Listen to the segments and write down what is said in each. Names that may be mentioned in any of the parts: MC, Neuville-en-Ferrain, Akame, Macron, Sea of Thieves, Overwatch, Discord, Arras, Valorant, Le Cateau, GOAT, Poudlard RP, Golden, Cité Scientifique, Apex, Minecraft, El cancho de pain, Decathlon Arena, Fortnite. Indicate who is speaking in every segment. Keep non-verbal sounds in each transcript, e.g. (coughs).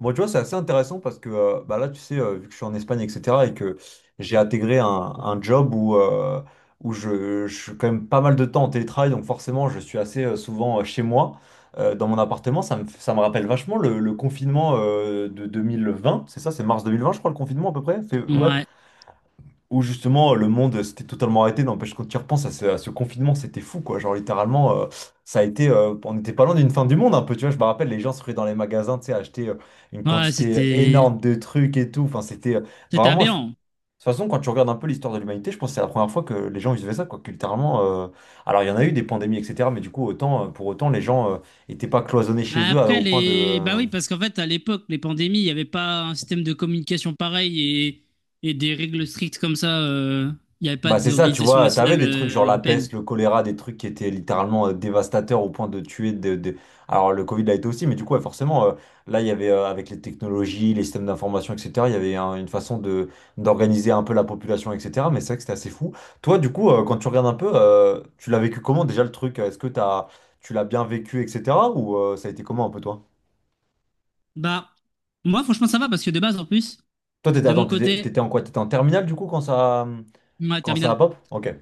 Speaker 1: Bon, tu vois, c'est assez intéressant parce que bah là, tu sais, vu que je suis en Espagne, etc., et que j'ai intégré un job où, où je suis quand même pas mal de temps en télétravail, donc forcément, je suis assez souvent chez moi, dans mon appartement. Ça me rappelle vachement le confinement de 2020, c'est ça, c'est mars 2020, je crois, le confinement à peu près? Ouais,
Speaker 2: Ouais,
Speaker 1: où justement le monde s'était totalement arrêté. N'empêche, quand tu y repenses à ce confinement, c'était fou, quoi. Genre littéralement, on n'était pas loin d'une fin du monde un peu, tu vois. Je me rappelle, les gens se ruaient dans les magasins, tu sais, acheter une
Speaker 2: ouais,
Speaker 1: quantité
Speaker 2: c'était
Speaker 1: énorme de trucs et tout. Enfin, c'était
Speaker 2: c'était
Speaker 1: vraiment.
Speaker 2: aberrant.
Speaker 1: De toute façon, quand tu regardes un peu l'histoire de l'humanité, je pense que c'est la première fois que les gens vivaient ça, quoi. Que littéralement, alors il y en a eu des pandémies, etc. Mais du coup, pour autant, les gens n'étaient pas cloisonnés chez
Speaker 2: Bah
Speaker 1: eux
Speaker 2: après
Speaker 1: au point de,
Speaker 2: les bah oui parce qu'en fait à l'époque les pandémies, il n'y avait pas un système de communication pareil et des règles strictes comme ça, il n'y avait pas
Speaker 1: Bah c'est ça, tu
Speaker 2: d'organisation
Speaker 1: vois, t'avais
Speaker 2: nationale
Speaker 1: des trucs genre la
Speaker 2: européenne.
Speaker 1: peste, le choléra, des trucs qui étaient littéralement dévastateurs au point de tuer Alors le Covid l'a été aussi, mais du coup, ouais, forcément, là, il y avait, avec les technologies, les systèmes d'information, etc., il y avait une façon de d'organiser un peu la population, etc., mais c'est vrai que c'était assez fou. Toi, du coup, quand tu regardes un peu, tu l'as vécu comment déjà le truc? Tu l'as bien vécu, etc., ou ça a été comment un peu toi?
Speaker 2: Bah moi franchement ça va parce que de base en plus
Speaker 1: Toi,
Speaker 2: de mon
Speaker 1: attends, t'étais,
Speaker 2: côté,
Speaker 1: t'étais en quoi? T'étais en terminale, du coup,
Speaker 2: ma
Speaker 1: quand ça a
Speaker 2: terminale.
Speaker 1: pop? Ok.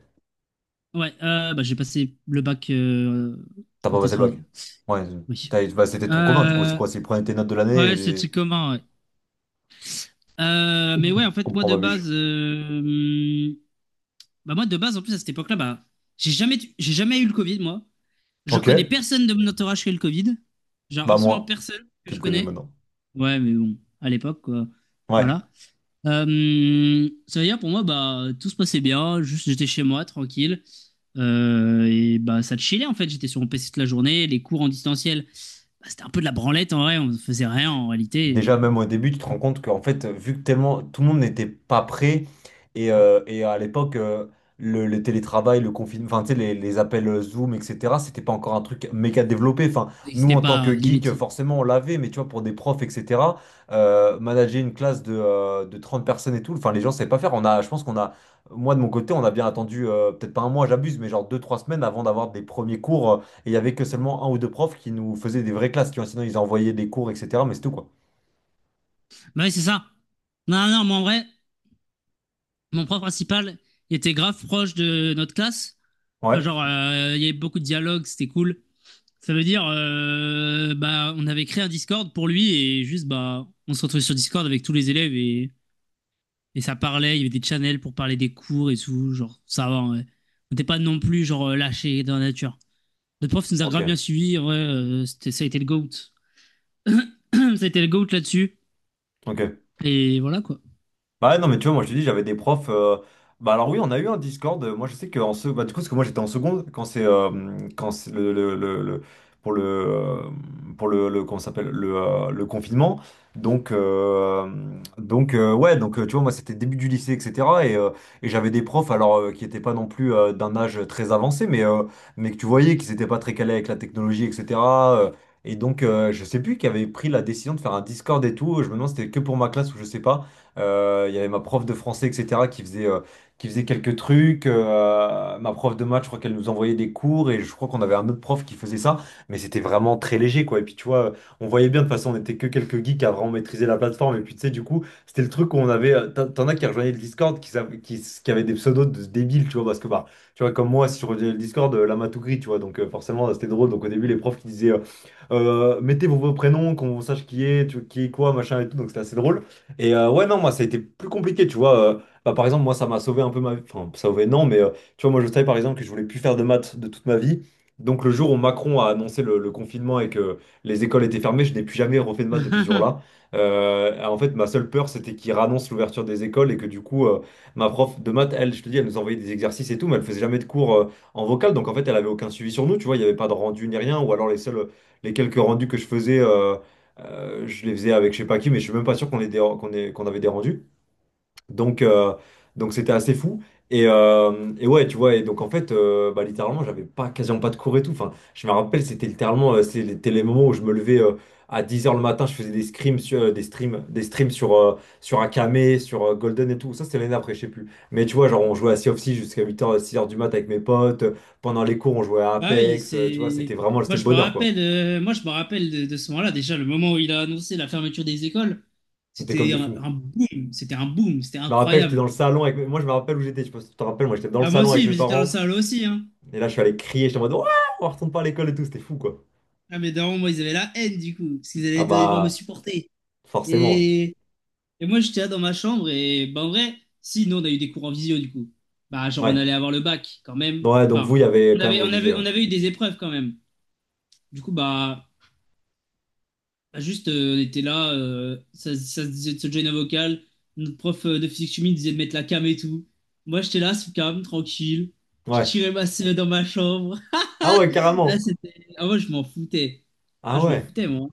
Speaker 2: Ouais, bah j'ai passé le bac
Speaker 1: T'as
Speaker 2: en
Speaker 1: pas passé le bac.
Speaker 2: télétravail.
Speaker 1: Ouais,
Speaker 2: Oui.
Speaker 1: bah, c'était ton commun, du coup. C'est
Speaker 2: Euh,
Speaker 1: quoi? C'est prendre tes notes de l'année
Speaker 2: ouais, c'est le
Speaker 1: et
Speaker 2: truc commun, ouais. Mais ouais, en fait, moi
Speaker 1: comprends
Speaker 2: de
Speaker 1: ma biche.
Speaker 2: base. Bah moi, de base, en plus, à cette époque-là, bah, j'ai jamais eu le Covid, moi. Je
Speaker 1: Ok,
Speaker 2: connais personne de mon entourage qui a eu le Covid. Genre,
Speaker 1: bah
Speaker 2: absolument
Speaker 1: moi,
Speaker 2: personne que
Speaker 1: tu me
Speaker 2: je
Speaker 1: connais
Speaker 2: connais.
Speaker 1: maintenant.
Speaker 2: Ouais, mais bon, à l'époque, quoi.
Speaker 1: Ouais.
Speaker 2: Voilà. Ça veut dire, pour moi, bah, tout se passait bien. Juste, j'étais chez moi, tranquille. Et bah, ça chillait, en fait. J'étais sur mon PC toute la journée. Les cours en distanciel, bah, c'était un peu de la branlette, en vrai. On faisait rien, en réalité.
Speaker 1: Déjà, même au début, tu te rends compte qu'en fait, vu que tellement tout le monde n'était pas prêt, et à l'époque, le télétravail, le confinement, enfin, tu sais, les appels Zoom, etc., c'était pas encore un truc méga développé. Enfin,
Speaker 2: Ça
Speaker 1: nous,
Speaker 2: n'existait
Speaker 1: en tant que
Speaker 2: pas,
Speaker 1: geek,
Speaker 2: limite.
Speaker 1: forcément, on l'avait, mais tu vois, pour des profs, etc., manager une classe de 30 personnes et tout, enfin, les gens savaient pas faire. Je pense qu'on a, moi, de mon côté, on a bien attendu, peut-être pas un mois, j'abuse, mais genre deux, trois semaines avant d'avoir des premiers cours, et il y avait que seulement un ou deux profs qui nous faisaient des vraies classes, tu vois, sinon ils envoyaient des cours, etc., mais c'est tout, quoi.
Speaker 2: Bah ouais, c'est ça. Non, non, moi, en vrai. Mon prof principal, il était grave proche de notre classe. Enfin,
Speaker 1: Ouais,
Speaker 2: genre, il y avait beaucoup de dialogues, c'était cool. Ça veut dire, bah, on avait créé un Discord pour lui et juste, bah, on se retrouvait sur Discord avec tous les élèves et ça parlait. Il y avait des channels pour parler des cours et tout. Genre, ça va, ouais. On n'était pas non plus, genre, lâchés dans la nature. Notre prof nous a
Speaker 1: ok,
Speaker 2: grave bien suivis. En vrai, ça a été le GOAT. (coughs) Ça a été le GOAT là-dessus.
Speaker 1: ok.
Speaker 2: Et voilà, quoi.
Speaker 1: Bah ouais, non, mais tu vois, moi je te dis, j'avais des profs. Bah alors oui, on a eu un Discord. Moi je sais que bah, du coup, parce que moi j'étais en seconde quand c'est pour le comment ça s'appelle le confinement. Donc euh, donc ouais, tu vois, moi c'était début du lycée, etc. Et, euh, et j'avais des profs alors qui n'étaient pas non plus d'un âge très avancé, mais que tu voyais qu'ils n'étaient pas très calés avec la technologie, etc. euh, et donc, je sais plus qui avait pris la décision de faire un Discord et tout. Je me demande si c'était que pour ma classe ou je sais pas. Il y avait ma prof de français, etc., qui faisait quelques trucs. Ma prof de maths, je crois qu'elle nous envoyait des cours et je crois qu'on avait un autre prof qui faisait ça, mais c'était vraiment très léger, quoi. Et puis, tu vois, on voyait bien, de toute façon, on était que quelques geeks à vraiment maîtriser la plateforme. Et puis, tu sais, du coup, c'était le truc où on avait. T'en as qui rejoignaient le Discord, qui avaient des pseudos de débiles, tu vois, parce que, bah, tu vois, comme moi, si je rejoignais le Discord, la matou gris, tu vois, donc forcément, c'était drôle. Donc, au début, les profs qui disaient. Mettez vos prénoms, qu'on sache qui est, qui est quoi, machin et tout, donc c'était assez drôle. Et ouais, non, moi, ça a été plus compliqué, tu vois. Bah, par exemple, moi, ça m'a sauvé un peu ma vie. Enfin, sauvé, non, mais tu vois, moi, je savais, par exemple, que je voulais plus faire de maths de toute ma vie. Donc, le jour où Macron a annoncé le confinement et que les écoles étaient fermées, je n'ai plus jamais refait de maths depuis ce jour-là.
Speaker 2: (laughs)
Speaker 1: En fait, ma seule peur, c'était qu'il réannonce l'ouverture des écoles et que du coup, ma prof de maths, elle, je te dis, elle nous envoyait des exercices et tout, mais elle faisait jamais de cours en vocal. Donc, en fait, elle avait aucun suivi sur nous, tu vois, il n'y avait pas de rendu ni rien, ou alors les seuls, les quelques rendus que je faisais. Je les faisais avec je sais pas qui, mais je suis même pas sûr qu'on les déra- qu'on ait- qu'on avait des rendus. Donc, euh, donc c'était assez fou. Et ouais, tu vois, et donc en fait, bah, littéralement, j'avais pas, quasiment pas de cours et tout. Enfin, je me rappelle, c'était littéralement, c'était les moments où je me levais à 10 heures le matin, je faisais des streams sur, des streams sur, sur Akame, sur Golden et tout. Ça, c'était l'année d'après, je sais plus. Mais tu vois, genre, on jouait à Sea of Thieves jusqu'à huit heures 6 heures du mat avec mes potes. Pendant les cours, on jouait à
Speaker 2: Ah oui,
Speaker 1: Apex. Tu vois,
Speaker 2: c'est.
Speaker 1: c'était vraiment, c'était le bonheur, quoi.
Speaker 2: Moi, je me rappelle de ce moment-là. Déjà, le moment où il a annoncé la fermeture des écoles,
Speaker 1: On était comme
Speaker 2: c'était
Speaker 1: des fous.
Speaker 2: un boom. C'était un boom. C'était
Speaker 1: Je me rappelle, j'étais dans
Speaker 2: incroyable.
Speaker 1: le salon avec. Moi, je me rappelle où j'étais. Je sais pas si tu te rappelles, moi, j'étais dans le
Speaker 2: Bah, moi
Speaker 1: salon
Speaker 2: aussi,
Speaker 1: avec
Speaker 2: je
Speaker 1: mes
Speaker 2: me suis dans la
Speaker 1: parents.
Speaker 2: salle aussi, hein.
Speaker 1: Et là, je suis allé crier. J'étais en mode, ouais, on retourne pas à l'école et tout. C'était fou, quoi.
Speaker 2: Ah, mais d'un moment, ils avaient la haine, du coup, parce qu'ils
Speaker 1: Ah
Speaker 2: allaient devoir me
Speaker 1: bah,
Speaker 2: supporter.
Speaker 1: forcément.
Speaker 2: Et, et moi, j'étais là dans ma chambre. Et bah, en vrai, si, nous, on a eu des cours en visio, du coup. Bah, genre, on
Speaker 1: Ouais.
Speaker 2: allait avoir le bac, quand même.
Speaker 1: Donc, ouais, donc vous, il
Speaker 2: Enfin,
Speaker 1: y avait quand même obligé, ouais.
Speaker 2: on avait eu des épreuves, quand même. Du coup, bah. Bah, juste, on était là, ça se disait de se joindre un vocal. Notre prof de physique chimie disait de mettre la cam et tout. Moi, j'étais là sous cam, tranquille. Je
Speaker 1: Ouais.
Speaker 2: tirais ma semaine dans ma chambre. (laughs)
Speaker 1: Ah ouais,
Speaker 2: Ah,
Speaker 1: carrément.
Speaker 2: c'était... ah, moi, je m'en foutais. Ah,
Speaker 1: Ah
Speaker 2: je m'en
Speaker 1: ouais.
Speaker 2: foutais, moi.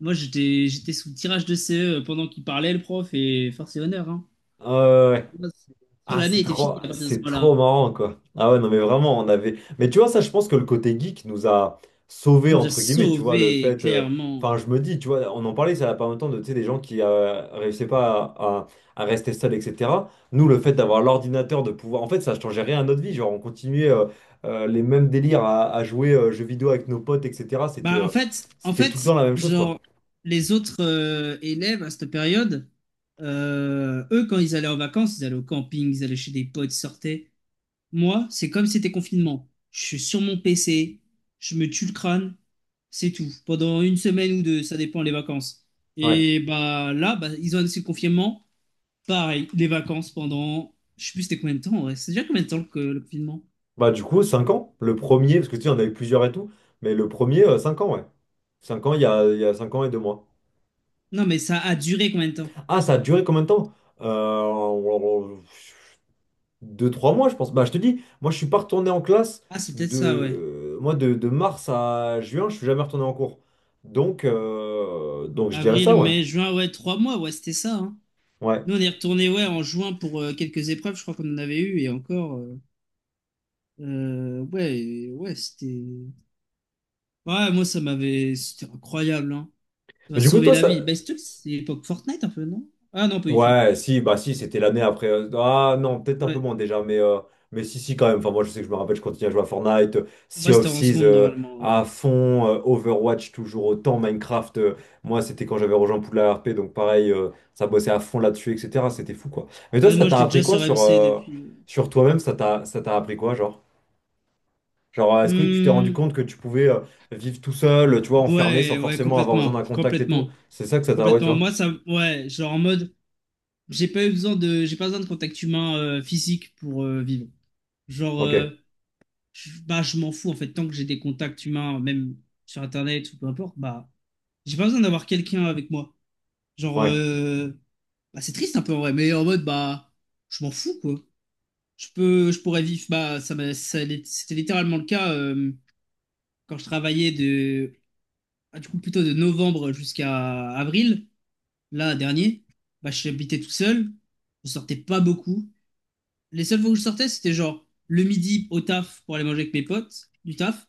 Speaker 2: Moi, j'étais sous le tirage de CE pendant qu'il parlait, le prof, et force et honneur, hein.
Speaker 1: Ah ouais.
Speaker 2: Moi, c'est-
Speaker 1: Ah,
Speaker 2: L'année était finie à partir de ce
Speaker 1: c'est
Speaker 2: moment-là.
Speaker 1: trop marrant, quoi. Ah ouais, non, mais vraiment, on avait. Mais tu vois, ça, je pense que le côté geek nous a sauvés,
Speaker 2: Il nous a
Speaker 1: entre guillemets, tu vois, le
Speaker 2: sauvés,
Speaker 1: fait.
Speaker 2: clairement.
Speaker 1: Enfin, je me dis, tu vois, on en parlait, ça n'a pas longtemps, de, tu sais, des gens qui réussissaient pas à, à rester seuls, etc. Nous, le fait d'avoir l'ordinateur, de pouvoir. En fait, ça changeait rien à notre vie. Genre, on continuait les mêmes délires à jouer jeux vidéo avec nos potes, etc. C'était
Speaker 2: Bah, en
Speaker 1: c'était tout le
Speaker 2: fait,
Speaker 1: temps la même chose, quoi.
Speaker 2: genre, les autres élèves à cette période, eux, quand ils allaient en vacances, ils allaient au camping, ils allaient chez des potes, ils sortaient. Moi, c'est comme si c'était confinement. Je suis sur mon PC, je me tue le crâne, c'est tout. Pendant une semaine ou deux, ça dépend les vacances.
Speaker 1: Ouais.
Speaker 2: Et bah là, bah, ils ont annoncé le confinement. Pareil, les vacances pendant. Je sais plus c'était combien de temps, ouais. C'est déjà combien de temps que le confinement?
Speaker 1: Bah du coup, 5 ans. Le premier, parce que tu sais, on avait plusieurs et tout, mais le premier, 5 ans, ouais. 5 ans, il y a 5 ans et 2 mois.
Speaker 2: Non, mais ça a duré combien de temps?
Speaker 1: Ah, ça a duré combien de temps? Euh, 2-3 mois, je pense. Bah je te dis, moi je suis pas retourné en classe
Speaker 2: Ah, c'est peut-être ça, ouais.
Speaker 1: de, moi, de mars à juin, je suis jamais retourné en cours. Donc je dirais
Speaker 2: Avril,
Speaker 1: ça, ouais.
Speaker 2: mai, juin, ouais, 3 mois, ouais, c'était ça, hein.
Speaker 1: Ouais.
Speaker 2: Nous, on est retourné, ouais, en juin pour quelques épreuves, je crois qu'on en avait eu, et encore, ouais, ouais, c'était. Ouais, moi, ça m'avait. C'était incroyable, hein. Ça m'a
Speaker 1: Mais du coup,
Speaker 2: sauvé
Speaker 1: toi,
Speaker 2: la
Speaker 1: ça...
Speaker 2: vie. Bah, c'est l'époque Fortnite, un peu, non? Ah, non, pas du tout.
Speaker 1: Ouais, si, bah si, c'était l'année après. Ah non, peut-être un peu
Speaker 2: Ouais.
Speaker 1: moins déjà, mais si, si, quand même. Enfin, moi, je sais que je me rappelle, je continue à jouer à Fortnite, Sea
Speaker 2: Moi,
Speaker 1: of
Speaker 2: c'était en
Speaker 1: Thieves
Speaker 2: seconde, normalement, ouais.
Speaker 1: à fond, Overwatch toujours autant, Minecraft. Moi, c'était quand j'avais rejoint Poudlard RP, donc pareil, ça bossait à fond là-dessus, etc. C'était fou, quoi. Mais toi,
Speaker 2: Ah,
Speaker 1: ça
Speaker 2: moi,
Speaker 1: t'a
Speaker 2: j'étais déjà
Speaker 1: appris quoi
Speaker 2: sur
Speaker 1: sur,
Speaker 2: MC depuis.
Speaker 1: sur toi-même? Ça t'a appris quoi, genre? Genre, est-ce que tu t'es rendu
Speaker 2: Hmm,
Speaker 1: compte que tu pouvais vivre tout seul, tu vois, enfermé, sans
Speaker 2: ouais, ouais,
Speaker 1: forcément avoir besoin
Speaker 2: complètement,
Speaker 1: d'un contact et tout?
Speaker 2: complètement,
Speaker 1: C'est ça que ça t'a, ouais, tu
Speaker 2: complètement.
Speaker 1: vois?
Speaker 2: Moi, ça, ouais, genre en mode, j'ai pas besoin de contact humain physique pour vivre. Genre,
Speaker 1: Ok, ouais.
Speaker 2: bah, je m'en fous en fait, tant que j'ai des contacts humains, même sur Internet ou peu importe, bah, j'ai pas besoin d'avoir quelqu'un avec moi. Genre,
Speaker 1: Ouais,
Speaker 2: bah, c'est triste un peu en vrai, mais en mode, bah, je m'en fous quoi. Je pourrais vivre, bah, ça, m'a- ça l'est- c'était littéralement le cas quand je travaillais ah, du coup, plutôt de novembre jusqu'à avril, là, dernier, bah, j'habitais tout seul, je sortais pas beaucoup. Les seules fois où je sortais, c'était genre le midi au taf pour aller manger avec mes potes du taf.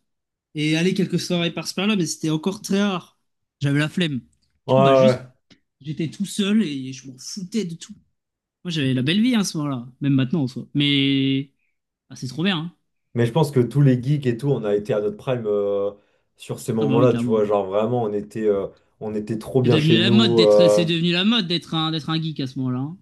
Speaker 2: Et aller quelques soirées par-ci par-là, mais c'était encore très rare. J'avais la flemme. Du
Speaker 1: ouais.
Speaker 2: coup, bah
Speaker 1: Ouais.
Speaker 2: juste, j'étais tout seul et je m'en foutais de tout. Moi, j'avais la belle vie, hein, à ce moment-là, même maintenant en soi. Mais ah, c'est trop bien, hein.
Speaker 1: Mais je pense que tous les geeks et tout, on a été à notre prime sur ces
Speaker 2: Ah bah oui,
Speaker 1: moments-là, tu vois.
Speaker 2: clairement.
Speaker 1: Genre vraiment, on était trop
Speaker 2: C'est
Speaker 1: bien
Speaker 2: devenu
Speaker 1: chez
Speaker 2: la mode
Speaker 1: nous.
Speaker 2: d'être, c'est devenu la mode d'être d'être un geek à ce moment-là, hein.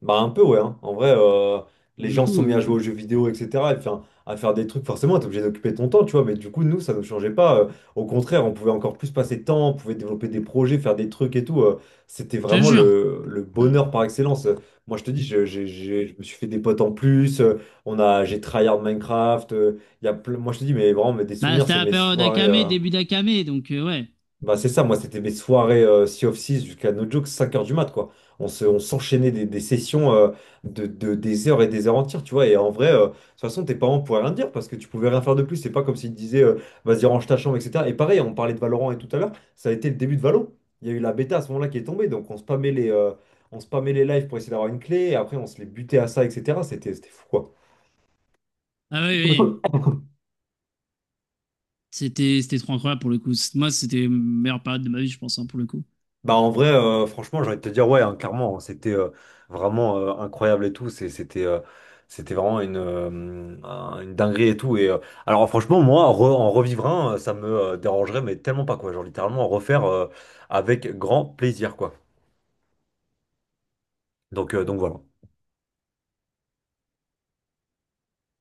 Speaker 1: Bah un peu ouais, hein. En vrai,
Speaker 2: Pour
Speaker 1: les
Speaker 2: le
Speaker 1: gens se
Speaker 2: coup,
Speaker 1: sont mis à jouer aux jeux vidéo, etc. Et enfin, à faire des trucs, forcément, t'es obligé d'occuper ton temps, tu vois. Mais du coup, nous, ça ne changeait pas. Au contraire, on pouvait encore plus passer de temps, on pouvait développer des projets, faire des trucs et tout. C'était
Speaker 2: je te
Speaker 1: vraiment
Speaker 2: jure.
Speaker 1: le bonheur par excellence. Moi, je te dis, Je me suis fait des potes en plus. On a, j'ai tryhard Minecraft. Il y a moi, je te dis, mais vraiment, mais des
Speaker 2: Bah,
Speaker 1: souvenirs,
Speaker 2: c'était
Speaker 1: c'est
Speaker 2: la
Speaker 1: mes
Speaker 2: période
Speaker 1: soirées.
Speaker 2: Akame, début d'Akame, donc ouais.
Speaker 1: Bah c'est ça, moi c'était mes soirées Sea of six jusqu'à no joke 5 heures du mat quoi. On s'enchaînait des sessions des heures et des heures entières, tu vois. Et en vrai, de toute façon, tes parents pouvaient rien dire parce que tu pouvais rien faire de plus. C'est pas comme s'ils te disaient vas-y, range ta chambre, etc. Et pareil, on parlait de Valorant et tout à l'heure, ça a été le début de Valo. Il y a eu la bêta à ce moment-là qui est tombée, donc on spammait les lives pour essayer d'avoir une clé, et après on se les butait à ça, etc. C'était, c'était fou quoi.
Speaker 2: Ah oui, oui. C'était trop incroyable pour le coup. Moi, c'était la meilleure période de ma vie, je pense, hein, pour le coup.
Speaker 1: Bah en vrai, franchement, j'ai envie de te dire, ouais, hein, clairement, hein, c'était vraiment incroyable et tout. C'était c'était vraiment une dinguerie et tout. Et alors franchement, moi, en revivre un, ça me dérangerait, mais tellement pas quoi. Genre littéralement en refaire avec grand plaisir quoi. Donc voilà.